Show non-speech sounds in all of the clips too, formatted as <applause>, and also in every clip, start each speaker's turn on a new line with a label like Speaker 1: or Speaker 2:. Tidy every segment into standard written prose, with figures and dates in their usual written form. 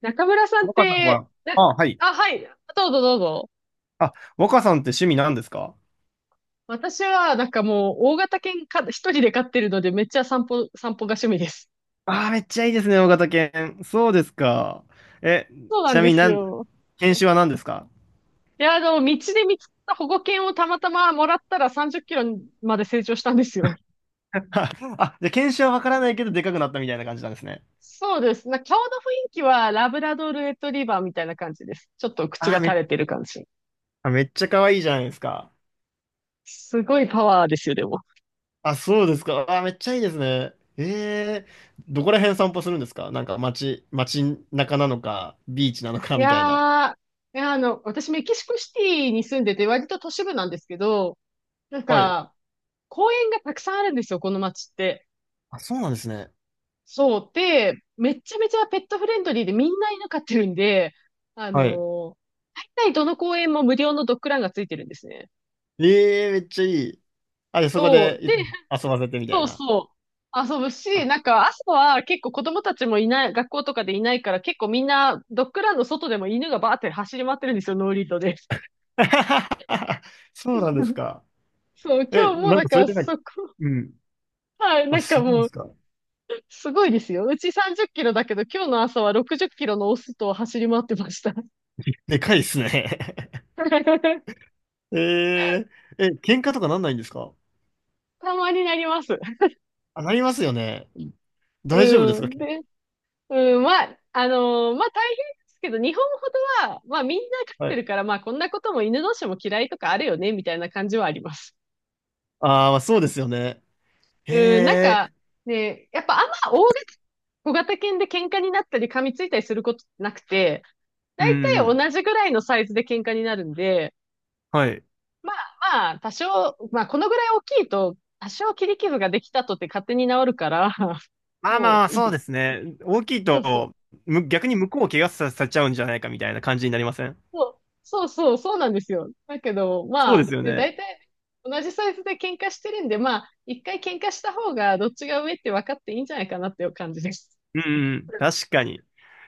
Speaker 1: 中村さんっ
Speaker 2: 若さん
Speaker 1: て、
Speaker 2: は、
Speaker 1: な
Speaker 2: あ、はい。
Speaker 1: あ、はい。どうぞどうぞ。
Speaker 2: あ、若さんって趣味なんですか？
Speaker 1: 私は、なんかもう、大型犬か、一人で飼ってるので、めっちゃ散歩が趣味です。
Speaker 2: ああー、めっちゃいいですね、大型犬。そうですか。え、
Speaker 1: そうな
Speaker 2: ち
Speaker 1: ん
Speaker 2: な
Speaker 1: で
Speaker 2: みに
Speaker 1: す
Speaker 2: なん、
Speaker 1: よ。
Speaker 2: 犬種は何ですか？
Speaker 1: いや、道で見つけた保護犬をたまたまもらったら30キロまで成長したんですよ。
Speaker 2: は <laughs> あ、じゃあ犬種はわからないけど、でかくなったみたいな感じなんですね。
Speaker 1: そうです。顔の雰囲気は、ラブラドールレトリバーみたいな感じです。ちょっと口
Speaker 2: あ
Speaker 1: が
Speaker 2: あ
Speaker 1: 垂
Speaker 2: め、
Speaker 1: れてる感じ。
Speaker 2: あ、めっちゃ可愛いじゃないですか。
Speaker 1: すごいパワーですよ、でも。
Speaker 2: あ、そうですか。ああめっちゃいいですね。えどこら辺散歩するんですか？なんか街中なのか、ビーチなの
Speaker 1: い
Speaker 2: かみたいな。
Speaker 1: やー、いや、私メキシコシティに住んでて、割と都市部なんですけど、なん
Speaker 2: はい。
Speaker 1: か、公園がたくさんあるんですよ、この町って。
Speaker 2: あ、そうなんですね。
Speaker 1: そう。で、めっちゃめちゃペットフレンドリーでみんな犬飼ってるんで、あの
Speaker 2: はい。
Speaker 1: ー大体どの公園も無料のドッグランがついてるんですね。
Speaker 2: えめっちゃいい。あ、で、そこ
Speaker 1: そ
Speaker 2: で
Speaker 1: う。で、
Speaker 2: いつも遊ばせてみた
Speaker 1: そ
Speaker 2: い
Speaker 1: う
Speaker 2: な。
Speaker 1: そう。遊ぶ
Speaker 2: あ
Speaker 1: し、なんか朝は結構子供たちもいない、学校とかでいないから結構みんなドッグランの外でも犬がバーって走り回ってるんですよ、ノーリードで。
Speaker 2: <laughs> そうなんです
Speaker 1: <laughs>
Speaker 2: か。
Speaker 1: そう、
Speaker 2: え、
Speaker 1: 今日も
Speaker 2: なん
Speaker 1: だ
Speaker 2: か
Speaker 1: か
Speaker 2: それ
Speaker 1: ら
Speaker 2: でなんか、
Speaker 1: そこ、
Speaker 2: うん。
Speaker 1: はい、
Speaker 2: あ、
Speaker 1: なんか
Speaker 2: そうなんで
Speaker 1: もう
Speaker 2: すか。
Speaker 1: すごいですよ。うち30キロだけど、今日の朝は60キロのオスと走り回ってました。
Speaker 2: でかいですね。
Speaker 1: <laughs>
Speaker 2: <laughs> えー、喧嘩とかなんないんですか？
Speaker 1: たまになります。
Speaker 2: あ、なりますよね。大丈夫です
Speaker 1: う
Speaker 2: か？
Speaker 1: ん。で、うん、まあ、まあ大変ですけど、日本ほどは、まあみんな飼っ
Speaker 2: は
Speaker 1: て
Speaker 2: い。
Speaker 1: るから、まあこんなことも犬同士も嫌いとかあるよね、みたいな感じはあります。
Speaker 2: あーまあそうですよね。へ
Speaker 1: うん、なんか、
Speaker 2: え、
Speaker 1: ね、やっぱあんま大型、小型犬で喧嘩になったり噛みついたりすることなくて、
Speaker 2: う
Speaker 1: だい
Speaker 2: ん
Speaker 1: たい
Speaker 2: うん。
Speaker 1: 同じぐらいのサイズで喧嘩になるんで、
Speaker 2: はい。
Speaker 1: まあ、多少、まあ、このぐらい大きいと、多少切り傷ができたとって勝手に治るから、<laughs>
Speaker 2: まあ
Speaker 1: も
Speaker 2: まあ、
Speaker 1: ういい
Speaker 2: そう
Speaker 1: です。
Speaker 2: ですね。大きい
Speaker 1: そうそう。
Speaker 2: と、逆に向こうを怪我させちゃうんじゃないかみたいな感じになりません？
Speaker 1: そうそうそう、そうなんですよ。だけど、
Speaker 2: そ
Speaker 1: ま
Speaker 2: うで
Speaker 1: あ、
Speaker 2: すよ
Speaker 1: ね、
Speaker 2: ね。
Speaker 1: 大体同じサイズで喧嘩してるんで、まあ、一回喧嘩した方がどっちが上って分かっていいんじゃないかなっていう感じです。
Speaker 2: うんうん、
Speaker 1: <laughs>
Speaker 2: 確かに。い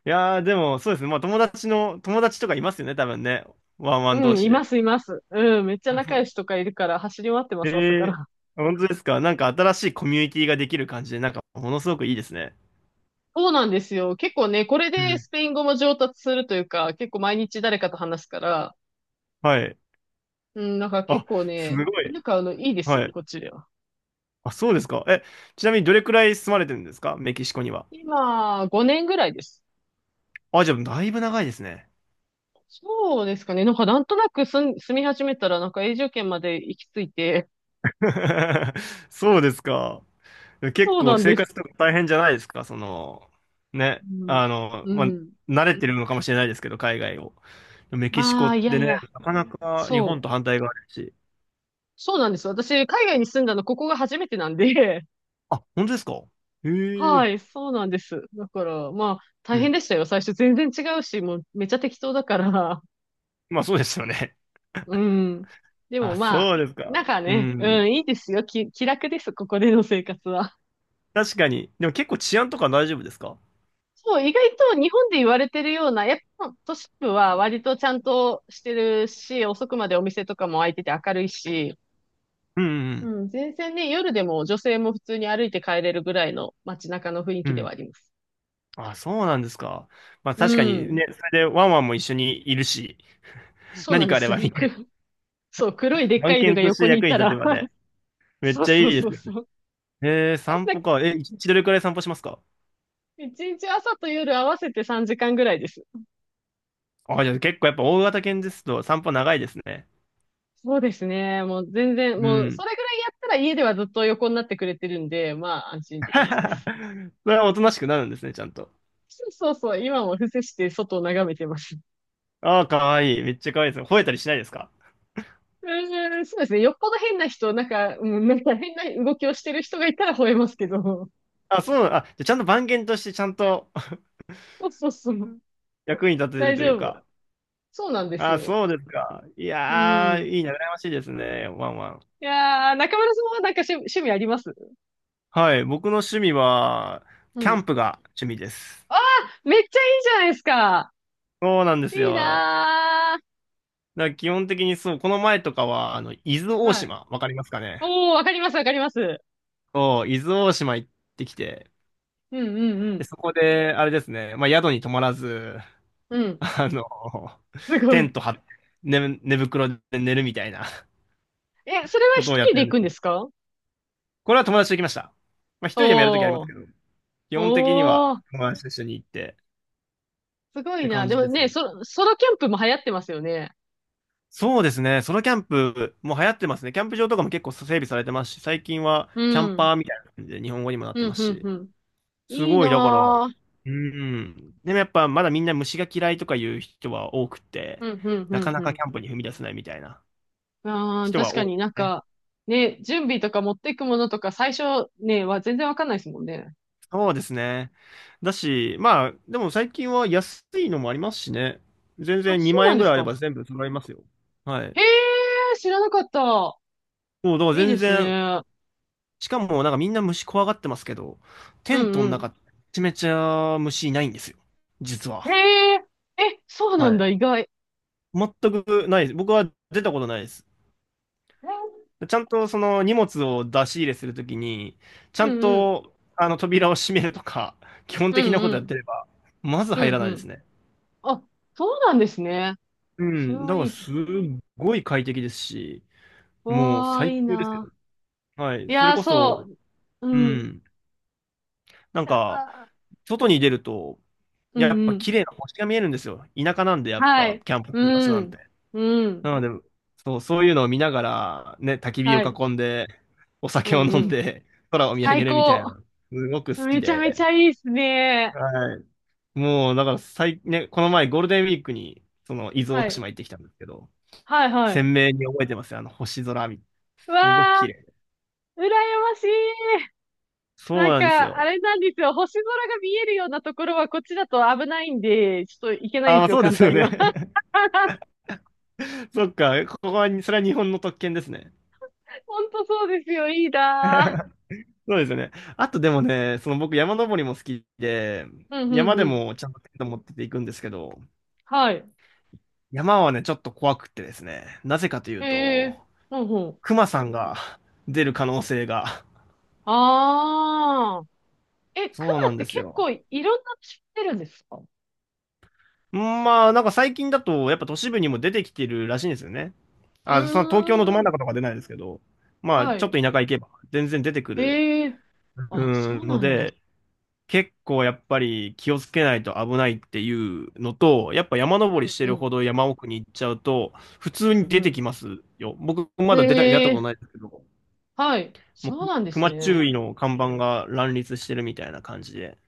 Speaker 2: やー、でも、そうですね。まあ、友達とかいますよね、多分ね。ワンワン
Speaker 1: う
Speaker 2: 同
Speaker 1: ん、
Speaker 2: 士
Speaker 1: いま
Speaker 2: で。
Speaker 1: す、います。うん、めっちゃ仲良
Speaker 2: <laughs>
Speaker 1: しとかいるから走り回ってま
Speaker 2: え
Speaker 1: す、朝か
Speaker 2: ー、
Speaker 1: ら。
Speaker 2: 本当ですか？なんか新しいコミュニティができる感じで、なんか、ものすごくいいですね。
Speaker 1: そうなんですよ。結構ね、これ
Speaker 2: う
Speaker 1: で
Speaker 2: ん
Speaker 1: スペイン語も上達するというか、結構毎日誰かと話すから、
Speaker 2: はい。
Speaker 1: うん、なんか結
Speaker 2: あ、
Speaker 1: 構
Speaker 2: す
Speaker 1: ね、
Speaker 2: ご
Speaker 1: 犬
Speaker 2: い。
Speaker 1: 飼うのいいですよ、
Speaker 2: はい。
Speaker 1: こっちでは。
Speaker 2: あ、そうですか。え、ちなみにどれくらい住まれてるんですか？メキシコには。
Speaker 1: 今、5年ぐらいです。
Speaker 2: あ、じゃあ、だいぶ長いですね。
Speaker 1: そうですかね。なんかなんとなく住み始めたら、なんか永住権まで行き着いて、
Speaker 2: <laughs> そうですか。結
Speaker 1: そう
Speaker 2: 構
Speaker 1: なん
Speaker 2: 生
Speaker 1: です。
Speaker 2: 活とか大変じゃないですか、その、ね、
Speaker 1: うん。う
Speaker 2: まあ、
Speaker 1: ん。
Speaker 2: 慣れてるのかもしれないですけど、海外を。メキシコ
Speaker 1: ま
Speaker 2: っ
Speaker 1: あ、いや
Speaker 2: て
Speaker 1: い
Speaker 2: ね、
Speaker 1: や、
Speaker 2: なかなか日本
Speaker 1: そ
Speaker 2: と
Speaker 1: う。
Speaker 2: 反対側だし。
Speaker 1: そうなんです。私、海外に住んだの、ここが初めてなんで、
Speaker 2: あ、本当ですか？へ
Speaker 1: <laughs> は
Speaker 2: え。
Speaker 1: い、そうなんです。だから、まあ、大
Speaker 2: う
Speaker 1: 変
Speaker 2: ん。
Speaker 1: でしたよ。最初全然違うし、もうめっちゃ適当だから。
Speaker 2: まあそうですよね。
Speaker 1: うん。
Speaker 2: <laughs>
Speaker 1: でも
Speaker 2: あ、
Speaker 1: ま
Speaker 2: そ
Speaker 1: あ、
Speaker 2: うです
Speaker 1: な
Speaker 2: か。
Speaker 1: んか
Speaker 2: う
Speaker 1: ね、う
Speaker 2: ん。
Speaker 1: ん、いいですよ。気楽です、ここでの生活は。<laughs>
Speaker 2: 確かに。でも結構治安とか大丈夫ですか？
Speaker 1: そう、意外と日本で言われてるような、やっぱ都市部は割とちゃんとしてるし、遅くまでお店とかも開いてて明るいし、
Speaker 2: うんうん
Speaker 1: うん、全然ね、夜でも女性も普通に歩いて帰れるぐらいの街中の雰囲
Speaker 2: うん。
Speaker 1: 気
Speaker 2: う
Speaker 1: では
Speaker 2: ん。
Speaker 1: あります。
Speaker 2: あ、そうなんですか。まあ
Speaker 1: う
Speaker 2: 確かに
Speaker 1: ん。
Speaker 2: ね、それでワンワンも一緒にいるし、
Speaker 1: そうな
Speaker 2: 何
Speaker 1: んで
Speaker 2: かあれば
Speaker 1: す。
Speaker 2: ね、<laughs>
Speaker 1: そう、黒いでっか
Speaker 2: 番
Speaker 1: いの
Speaker 2: 犬
Speaker 1: が
Speaker 2: とし
Speaker 1: 横
Speaker 2: て
Speaker 1: にい
Speaker 2: 役に
Speaker 1: た
Speaker 2: 立て
Speaker 1: ら
Speaker 2: ば
Speaker 1: <laughs>
Speaker 2: ね、めっ
Speaker 1: そう
Speaker 2: ちゃ
Speaker 1: そう
Speaker 2: いいで
Speaker 1: そ
Speaker 2: す。
Speaker 1: うそう。なん
Speaker 2: 散
Speaker 1: か
Speaker 2: 歩か。え、一日どれくらい散歩しますか？
Speaker 1: 一日朝と夜合わせて3時間ぐらいです。
Speaker 2: あ、じゃあ結構やっぱ大型犬ですと散歩長いですね。
Speaker 1: そうですね。もう全然、
Speaker 2: う
Speaker 1: もうそ
Speaker 2: ん。
Speaker 1: れぐらいやったら家ではずっと横になってくれてるんで、まあ安心って感じです。
Speaker 2: <laughs> それはおとなしくなるんですね、ちゃんと。
Speaker 1: そうそうそう、今も伏せして外を眺めてます。
Speaker 2: ああ、かわいい。めっちゃかわいいです。吠えたりしないですか？
Speaker 1: うーん、そうですね。よっぽど変な人、なんか、うん、なんか変な動きをしてる人がいたら吠えますけど。
Speaker 2: あ、そうなあ、じゃあちゃんと番犬としてちゃんと
Speaker 1: そうそうそう。
Speaker 2: <laughs> 役に立ててる
Speaker 1: 大
Speaker 2: という
Speaker 1: 丈夫。
Speaker 2: か。
Speaker 1: そうなんです
Speaker 2: あ、
Speaker 1: よ。
Speaker 2: そうですか。い
Speaker 1: う
Speaker 2: やー、
Speaker 1: ん。
Speaker 2: いいな、羨ましいですね。ワンワン。
Speaker 1: いやー、中村さんはなんか趣味あります？
Speaker 2: はい、僕の趣味は、
Speaker 1: う
Speaker 2: キャ
Speaker 1: ん。
Speaker 2: ンプが趣味です。
Speaker 1: あー、めっちゃいいじゃないですか。
Speaker 2: そうなんです
Speaker 1: いい
Speaker 2: よ。
Speaker 1: な
Speaker 2: だから基本的にそう、この前とかは、伊豆
Speaker 1: ー。
Speaker 2: 大
Speaker 1: はい。
Speaker 2: 島、わかりますかね？
Speaker 1: おー、わかります、わかります。
Speaker 2: そう、伊豆大島行ってきて、
Speaker 1: うん、うん、う
Speaker 2: で、
Speaker 1: ん。
Speaker 2: そこで、あれですね、まあ、宿に泊まらず、
Speaker 1: う
Speaker 2: <laughs>
Speaker 1: ん。
Speaker 2: あの、
Speaker 1: すご
Speaker 2: テ
Speaker 1: い。
Speaker 2: ント張って、寝袋で寝るみたいな
Speaker 1: え、
Speaker 2: <laughs>
Speaker 1: それは
Speaker 2: こ
Speaker 1: 一
Speaker 2: とをやっ
Speaker 1: 人
Speaker 2: て
Speaker 1: で
Speaker 2: るん
Speaker 1: 行
Speaker 2: で
Speaker 1: くん
Speaker 2: す
Speaker 1: で
Speaker 2: ね。
Speaker 1: すか？
Speaker 2: これは友達と行きました。まあ、一人でもやるときありま
Speaker 1: お
Speaker 2: す
Speaker 1: ー。
Speaker 2: けど、基本的に
Speaker 1: お
Speaker 2: は
Speaker 1: ー。
Speaker 2: 友達と一緒に行って
Speaker 1: すご
Speaker 2: っ
Speaker 1: い
Speaker 2: て
Speaker 1: な。
Speaker 2: 感
Speaker 1: で
Speaker 2: じ
Speaker 1: も
Speaker 2: です
Speaker 1: ね、
Speaker 2: よ。
Speaker 1: ソロキャンプも流行ってますよね。
Speaker 2: そうですね、ソロキャンプも流行ってますね。キャンプ場とかも結構整備されてますし、最近は
Speaker 1: う
Speaker 2: キャン
Speaker 1: ん。
Speaker 2: パーみたいな感じで日本語にもなっ
Speaker 1: う
Speaker 2: て
Speaker 1: ん、
Speaker 2: ます
Speaker 1: うん、
Speaker 2: し、
Speaker 1: うん。
Speaker 2: す
Speaker 1: いい
Speaker 2: ごい、だから、
Speaker 1: なぁ。
Speaker 2: うん。でもやっぱまだみんな虫が嫌いとかいう人は多く
Speaker 1: う
Speaker 2: て、
Speaker 1: ん、うん、う
Speaker 2: なか
Speaker 1: ん、
Speaker 2: な
Speaker 1: う
Speaker 2: か
Speaker 1: ん。
Speaker 2: キャンプに踏み出せないみたいな
Speaker 1: あー、
Speaker 2: 人
Speaker 1: 確
Speaker 2: は
Speaker 1: か
Speaker 2: 多い
Speaker 1: に
Speaker 2: です
Speaker 1: なん
Speaker 2: ね。
Speaker 1: か、ね、準備とか持っていくものとか最初ね、は全然わかんないですもんね。
Speaker 2: そうですね。だし、まあ、でも最近は安いのもありますしね。全
Speaker 1: あ、
Speaker 2: 然
Speaker 1: そう
Speaker 2: 2万
Speaker 1: なん
Speaker 2: 円
Speaker 1: で
Speaker 2: ぐ
Speaker 1: す
Speaker 2: らいあれ
Speaker 1: か。
Speaker 2: ば全部揃いますよ。はい。
Speaker 1: へー、知らなかった。
Speaker 2: そう、だから
Speaker 1: いい
Speaker 2: 全
Speaker 1: です
Speaker 2: 然、
Speaker 1: ね。
Speaker 2: しかもなんかみんな虫怖がってますけど、テ
Speaker 1: う
Speaker 2: ントの
Speaker 1: ん、う
Speaker 2: 中、めちゃめちゃ虫いないんですよ。実
Speaker 1: ん。
Speaker 2: は。
Speaker 1: へー。え、そう
Speaker 2: は
Speaker 1: なんだ、
Speaker 2: い。
Speaker 1: 意外。
Speaker 2: 全くないです。僕は出たことないです。ちゃんとその荷物を出し入れするときに、ち
Speaker 1: う
Speaker 2: ゃん
Speaker 1: ん、うん。
Speaker 2: とあの扉を閉めるとか、<laughs> 基本
Speaker 1: う
Speaker 2: 的
Speaker 1: ん、
Speaker 2: なこ
Speaker 1: う
Speaker 2: とやっ
Speaker 1: ん。
Speaker 2: てれば、まず
Speaker 1: う
Speaker 2: 入
Speaker 1: ん、
Speaker 2: ら
Speaker 1: う
Speaker 2: ないです
Speaker 1: ん。
Speaker 2: ね。
Speaker 1: あ、そうなんですね。
Speaker 2: う
Speaker 1: それ
Speaker 2: ん。だ
Speaker 1: は
Speaker 2: か
Speaker 1: い
Speaker 2: ら
Speaker 1: い。
Speaker 2: すっごい快適ですし、もう
Speaker 1: わあ、
Speaker 2: 最
Speaker 1: いい
Speaker 2: 高ですよ。
Speaker 1: な。
Speaker 2: はい。
Speaker 1: い
Speaker 2: それ
Speaker 1: やー、
Speaker 2: こ
Speaker 1: そ
Speaker 2: そ、
Speaker 1: う。う
Speaker 2: う
Speaker 1: ん。い
Speaker 2: ん。なん
Speaker 1: や
Speaker 2: か、
Speaker 1: あ、あ
Speaker 2: 外に出ると、
Speaker 1: う
Speaker 2: やっ
Speaker 1: んう
Speaker 2: ぱ
Speaker 1: ん。
Speaker 2: 綺麗な星が見えるんですよ。田舎なんで、やっ
Speaker 1: は
Speaker 2: ぱ、
Speaker 1: い。
Speaker 2: キャンプする場所
Speaker 1: う
Speaker 2: なんて。
Speaker 1: ん。う
Speaker 2: な
Speaker 1: ん。
Speaker 2: ので、そう、そういうのを見ながら、ね、焚き火を
Speaker 1: はい。
Speaker 2: 囲んで、お
Speaker 1: う
Speaker 2: 酒を
Speaker 1: んう
Speaker 2: 飲ん
Speaker 1: ん。
Speaker 2: で、空を見上げ
Speaker 1: 最
Speaker 2: るみたい
Speaker 1: 高。
Speaker 2: な、すごく好き
Speaker 1: めちゃめち
Speaker 2: で。
Speaker 1: ゃいいっすね。
Speaker 2: はい。もう、だからね、この前ゴールデンウィークに、その、伊豆
Speaker 1: は
Speaker 2: 大島
Speaker 1: い。
Speaker 2: 行ってきたんですけど、
Speaker 1: はいはい。
Speaker 2: 鮮明に覚えてますよ。星空見、
Speaker 1: う
Speaker 2: すごく
Speaker 1: わあ、
Speaker 2: 綺麗。
Speaker 1: 羨ましい。な
Speaker 2: そう
Speaker 1: ん
Speaker 2: なんです
Speaker 1: か、あ
Speaker 2: よ。
Speaker 1: れなんですよ。星空が見えるようなところはこっちだと危ないんで、ちょっと行けないん
Speaker 2: あ、
Speaker 1: で
Speaker 2: まあ
Speaker 1: すよ、
Speaker 2: そうで
Speaker 1: 簡
Speaker 2: す
Speaker 1: 単
Speaker 2: よ
Speaker 1: に
Speaker 2: ね。
Speaker 1: は。<laughs>
Speaker 2: <laughs> そっか、ここは、それは日本の特権ですね。
Speaker 1: ほんとそうですよ。いいな
Speaker 2: そうですよね。あとでもね、その僕山登りも好きで、
Speaker 1: ー。うんうん
Speaker 2: 山
Speaker 1: う
Speaker 2: で
Speaker 1: ん。
Speaker 2: もちゃんとテント持ってて行くんですけど、
Speaker 1: はい。
Speaker 2: 山はね、ちょっと怖くってですね、なぜかという
Speaker 1: へ
Speaker 2: と、
Speaker 1: え、ほうほう。
Speaker 2: 熊さんが出る可能性が、
Speaker 1: ああ。え、ク
Speaker 2: そうな
Speaker 1: マっ
Speaker 2: んで
Speaker 1: て
Speaker 2: す
Speaker 1: 結
Speaker 2: よ。
Speaker 1: 構いろんな種知ってるんですか？う
Speaker 2: まあ、なんか最近だと、やっぱ都市部にも出てきてるらしいんですよね。
Speaker 1: ー
Speaker 2: あ、その東京のど真ん
Speaker 1: ん。
Speaker 2: 中とか出ないですけど、まあ、
Speaker 1: は
Speaker 2: ちょっ
Speaker 1: い。
Speaker 2: と田舎行けば全然出てくる、
Speaker 1: へえ。
Speaker 2: う
Speaker 1: あ、
Speaker 2: ん、
Speaker 1: そう
Speaker 2: の
Speaker 1: なんだ。
Speaker 2: で、結構やっぱり気をつけないと危ないっていうのと、やっぱ山登りして
Speaker 1: うんう
Speaker 2: る
Speaker 1: ん。
Speaker 2: ほど山奥に行っちゃうと、普通
Speaker 1: う
Speaker 2: に出
Speaker 1: ん
Speaker 2: て
Speaker 1: う
Speaker 2: きますよ。僕
Speaker 1: ん。
Speaker 2: まだ出会っ
Speaker 1: へ
Speaker 2: たこと
Speaker 1: え。
Speaker 2: ないですけど、
Speaker 1: はい。
Speaker 2: も
Speaker 1: そう
Speaker 2: う
Speaker 1: なんです
Speaker 2: 熊
Speaker 1: ね。
Speaker 2: 注意の看板が乱立してるみたいな感じで。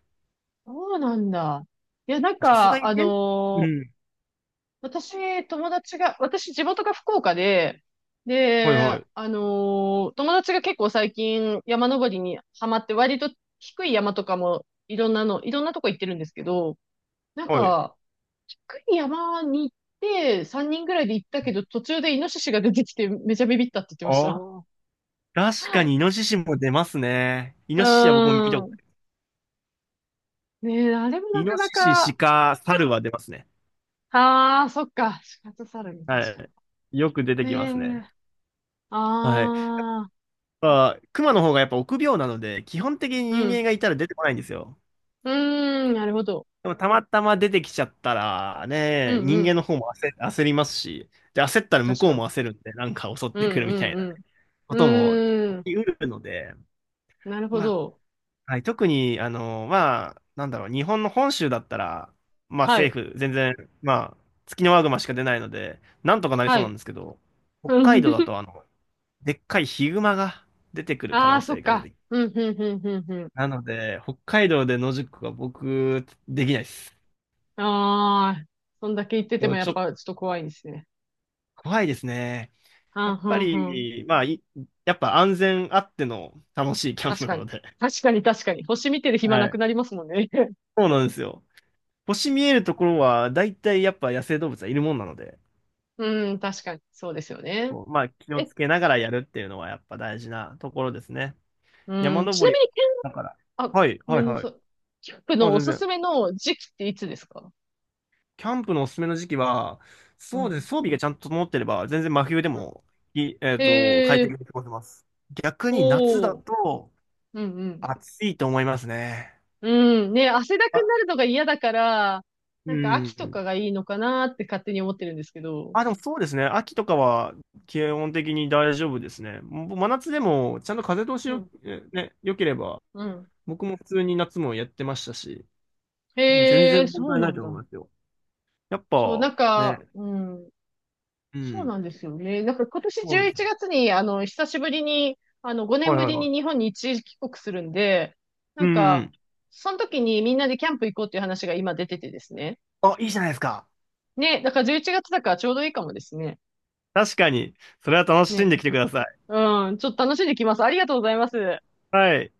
Speaker 1: そうなんだ。いや、なん
Speaker 2: さすが
Speaker 1: か、
Speaker 2: にね、うん。
Speaker 1: 私、友達が、私、地元が福岡で、
Speaker 2: はい
Speaker 1: で、
Speaker 2: はい。
Speaker 1: 友達が結構最近山登りにハマって、割と低い山とかもいろんなの、いろんなとこ行ってるんですけど、なん
Speaker 2: はい。
Speaker 1: か、低い山に行って、3人ぐらいで行ったけど、途中でイノシシが出てきて、めちゃビビったって言ってました。
Speaker 2: ああ。確かにイノシシも出ますね。イ
Speaker 1: う
Speaker 2: ノシシは僕も見た
Speaker 1: ー
Speaker 2: ことな
Speaker 1: ん。ねえ、あれもな
Speaker 2: イ
Speaker 1: か
Speaker 2: ノ
Speaker 1: な
Speaker 2: シシ、
Speaker 1: か、
Speaker 2: 鹿、猿は出ますね。
Speaker 1: ああ、そっか。死活サルに確
Speaker 2: は
Speaker 1: か
Speaker 2: い。よく出て
Speaker 1: に。
Speaker 2: きます
Speaker 1: へえ、
Speaker 2: ね。
Speaker 1: あ
Speaker 2: はい。
Speaker 1: あ、
Speaker 2: まあ、熊の方がやっぱ臆病なので、基本的に
Speaker 1: う
Speaker 2: 人間
Speaker 1: ん。
Speaker 2: がいたら出てこないんですよ。
Speaker 1: うーん、なるほど。
Speaker 2: でもたまたま出てきちゃったら、
Speaker 1: う
Speaker 2: ね、
Speaker 1: ん
Speaker 2: 人
Speaker 1: う
Speaker 2: 間
Speaker 1: ん。
Speaker 2: の方も焦りますし、で、焦ったら向
Speaker 1: 確
Speaker 2: こ
Speaker 1: か
Speaker 2: う
Speaker 1: に。
Speaker 2: も焦るんで、なんか襲っ
Speaker 1: う
Speaker 2: てく
Speaker 1: ん
Speaker 2: るみたいな
Speaker 1: う
Speaker 2: ね、
Speaker 1: んう
Speaker 2: ことも
Speaker 1: ん。うーん。
Speaker 2: 起きうるので、
Speaker 1: なるほ
Speaker 2: まあ
Speaker 1: ど。
Speaker 2: はい、特に、まあ、なんだろう、日本の本州だったら、まあ
Speaker 1: はい。
Speaker 2: 政府、全然、まあ、ツキノワグマしか出ないので、なんとかなり
Speaker 1: は
Speaker 2: そうなん
Speaker 1: い。
Speaker 2: ですけど、北海道だと、でっかいヒグマが出てくる可
Speaker 1: あ <laughs> あー、
Speaker 2: 能
Speaker 1: そ
Speaker 2: 性
Speaker 1: っ
Speaker 2: が出
Speaker 1: か。
Speaker 2: てき
Speaker 1: うん、うん、うん、うん、う
Speaker 2: なので、北海道で野宿は僕、できないです。
Speaker 1: ん。ああ、そんだけ言って
Speaker 2: ち
Speaker 1: て
Speaker 2: ょ
Speaker 1: も
Speaker 2: っ
Speaker 1: やっ
Speaker 2: と
Speaker 1: ぱちょっと怖いですね。
Speaker 2: 怖いですね。
Speaker 1: は
Speaker 2: や
Speaker 1: ん、
Speaker 2: っ
Speaker 1: は
Speaker 2: ぱ
Speaker 1: ん、はん。
Speaker 2: り、まあ、やっぱ安全あっての楽しいキャン
Speaker 1: 確
Speaker 2: プな
Speaker 1: かに。
Speaker 2: ので。
Speaker 1: 確かに、確かに。星見てる暇
Speaker 2: は
Speaker 1: なく
Speaker 2: い。
Speaker 1: なりますもんね。<laughs>
Speaker 2: そうなんですよ。星見えるところは、だいたいやっぱ野生動物はいるもんなので。
Speaker 1: うん、確かに。そうですよね。
Speaker 2: こうまあ、気を
Speaker 1: え、
Speaker 2: つけながらやるっていうのはやっぱ大事なところですね。
Speaker 1: う
Speaker 2: 山
Speaker 1: ん、ちな
Speaker 2: 登
Speaker 1: み
Speaker 2: り、
Speaker 1: に、
Speaker 2: だから。
Speaker 1: あ、ご
Speaker 2: はい、
Speaker 1: め
Speaker 2: はい、
Speaker 1: んな
Speaker 2: は
Speaker 1: さ
Speaker 2: い。
Speaker 1: い。キャンプの
Speaker 2: あ、
Speaker 1: お
Speaker 2: 全
Speaker 1: すす
Speaker 2: 然。
Speaker 1: めの時期っていつですか？
Speaker 2: キャンプのおすすめの時期は、
Speaker 1: う
Speaker 2: そうです
Speaker 1: ん。
Speaker 2: ね。装備がちゃんと整ってれば、全然真冬で
Speaker 1: うん
Speaker 2: も、い、えっと、快
Speaker 1: ええ
Speaker 2: 適
Speaker 1: ー、
Speaker 2: に過ごせます。逆に夏だ
Speaker 1: おー。
Speaker 2: と
Speaker 1: うん、うん。
Speaker 2: 暑いと思いますね。
Speaker 1: うん。ね、汗だく
Speaker 2: あ、
Speaker 1: になるのが嫌だから、な
Speaker 2: う
Speaker 1: んか秋と
Speaker 2: ん。
Speaker 1: かがいいのかなって勝手に思ってるんですけど。
Speaker 2: あ、でもそうですね。秋とかは基本的に大丈夫ですね。もう真夏でもちゃんと風通し
Speaker 1: う
Speaker 2: よ、
Speaker 1: ん。
Speaker 2: 良ければ、
Speaker 1: うん。
Speaker 2: 僕も普通に夏もやってましたし。うん全
Speaker 1: へ
Speaker 2: 然
Speaker 1: え、
Speaker 2: 問
Speaker 1: そう
Speaker 2: 題な
Speaker 1: な
Speaker 2: い
Speaker 1: ん
Speaker 2: と思い
Speaker 1: だ。
Speaker 2: ますよ。やっ
Speaker 1: そう、な
Speaker 2: ぱ、
Speaker 1: ん
Speaker 2: ね。
Speaker 1: か、うん。
Speaker 2: う
Speaker 1: そう
Speaker 2: ん。
Speaker 1: なんですよね。なんか今年
Speaker 2: そうで
Speaker 1: 11
Speaker 2: すよ。
Speaker 1: 月に、あの、久しぶりに、あの、5
Speaker 2: は
Speaker 1: 年
Speaker 2: い
Speaker 1: ぶ
Speaker 2: はい
Speaker 1: り
Speaker 2: は
Speaker 1: に日
Speaker 2: い。
Speaker 1: 本に一時帰国するんで、な
Speaker 2: う
Speaker 1: ん
Speaker 2: んう
Speaker 1: か、
Speaker 2: ん。
Speaker 1: その時にみんなでキャンプ行こうっていう話が今出ててですね。
Speaker 2: あ、いいじゃないですか。
Speaker 1: ね、だから11月だからちょうどいいかもですね。
Speaker 2: 確かに。それは楽しん
Speaker 1: ね。
Speaker 2: できてください。
Speaker 1: うん、ちょっと楽しんできます。ありがとうございます。
Speaker 2: はい。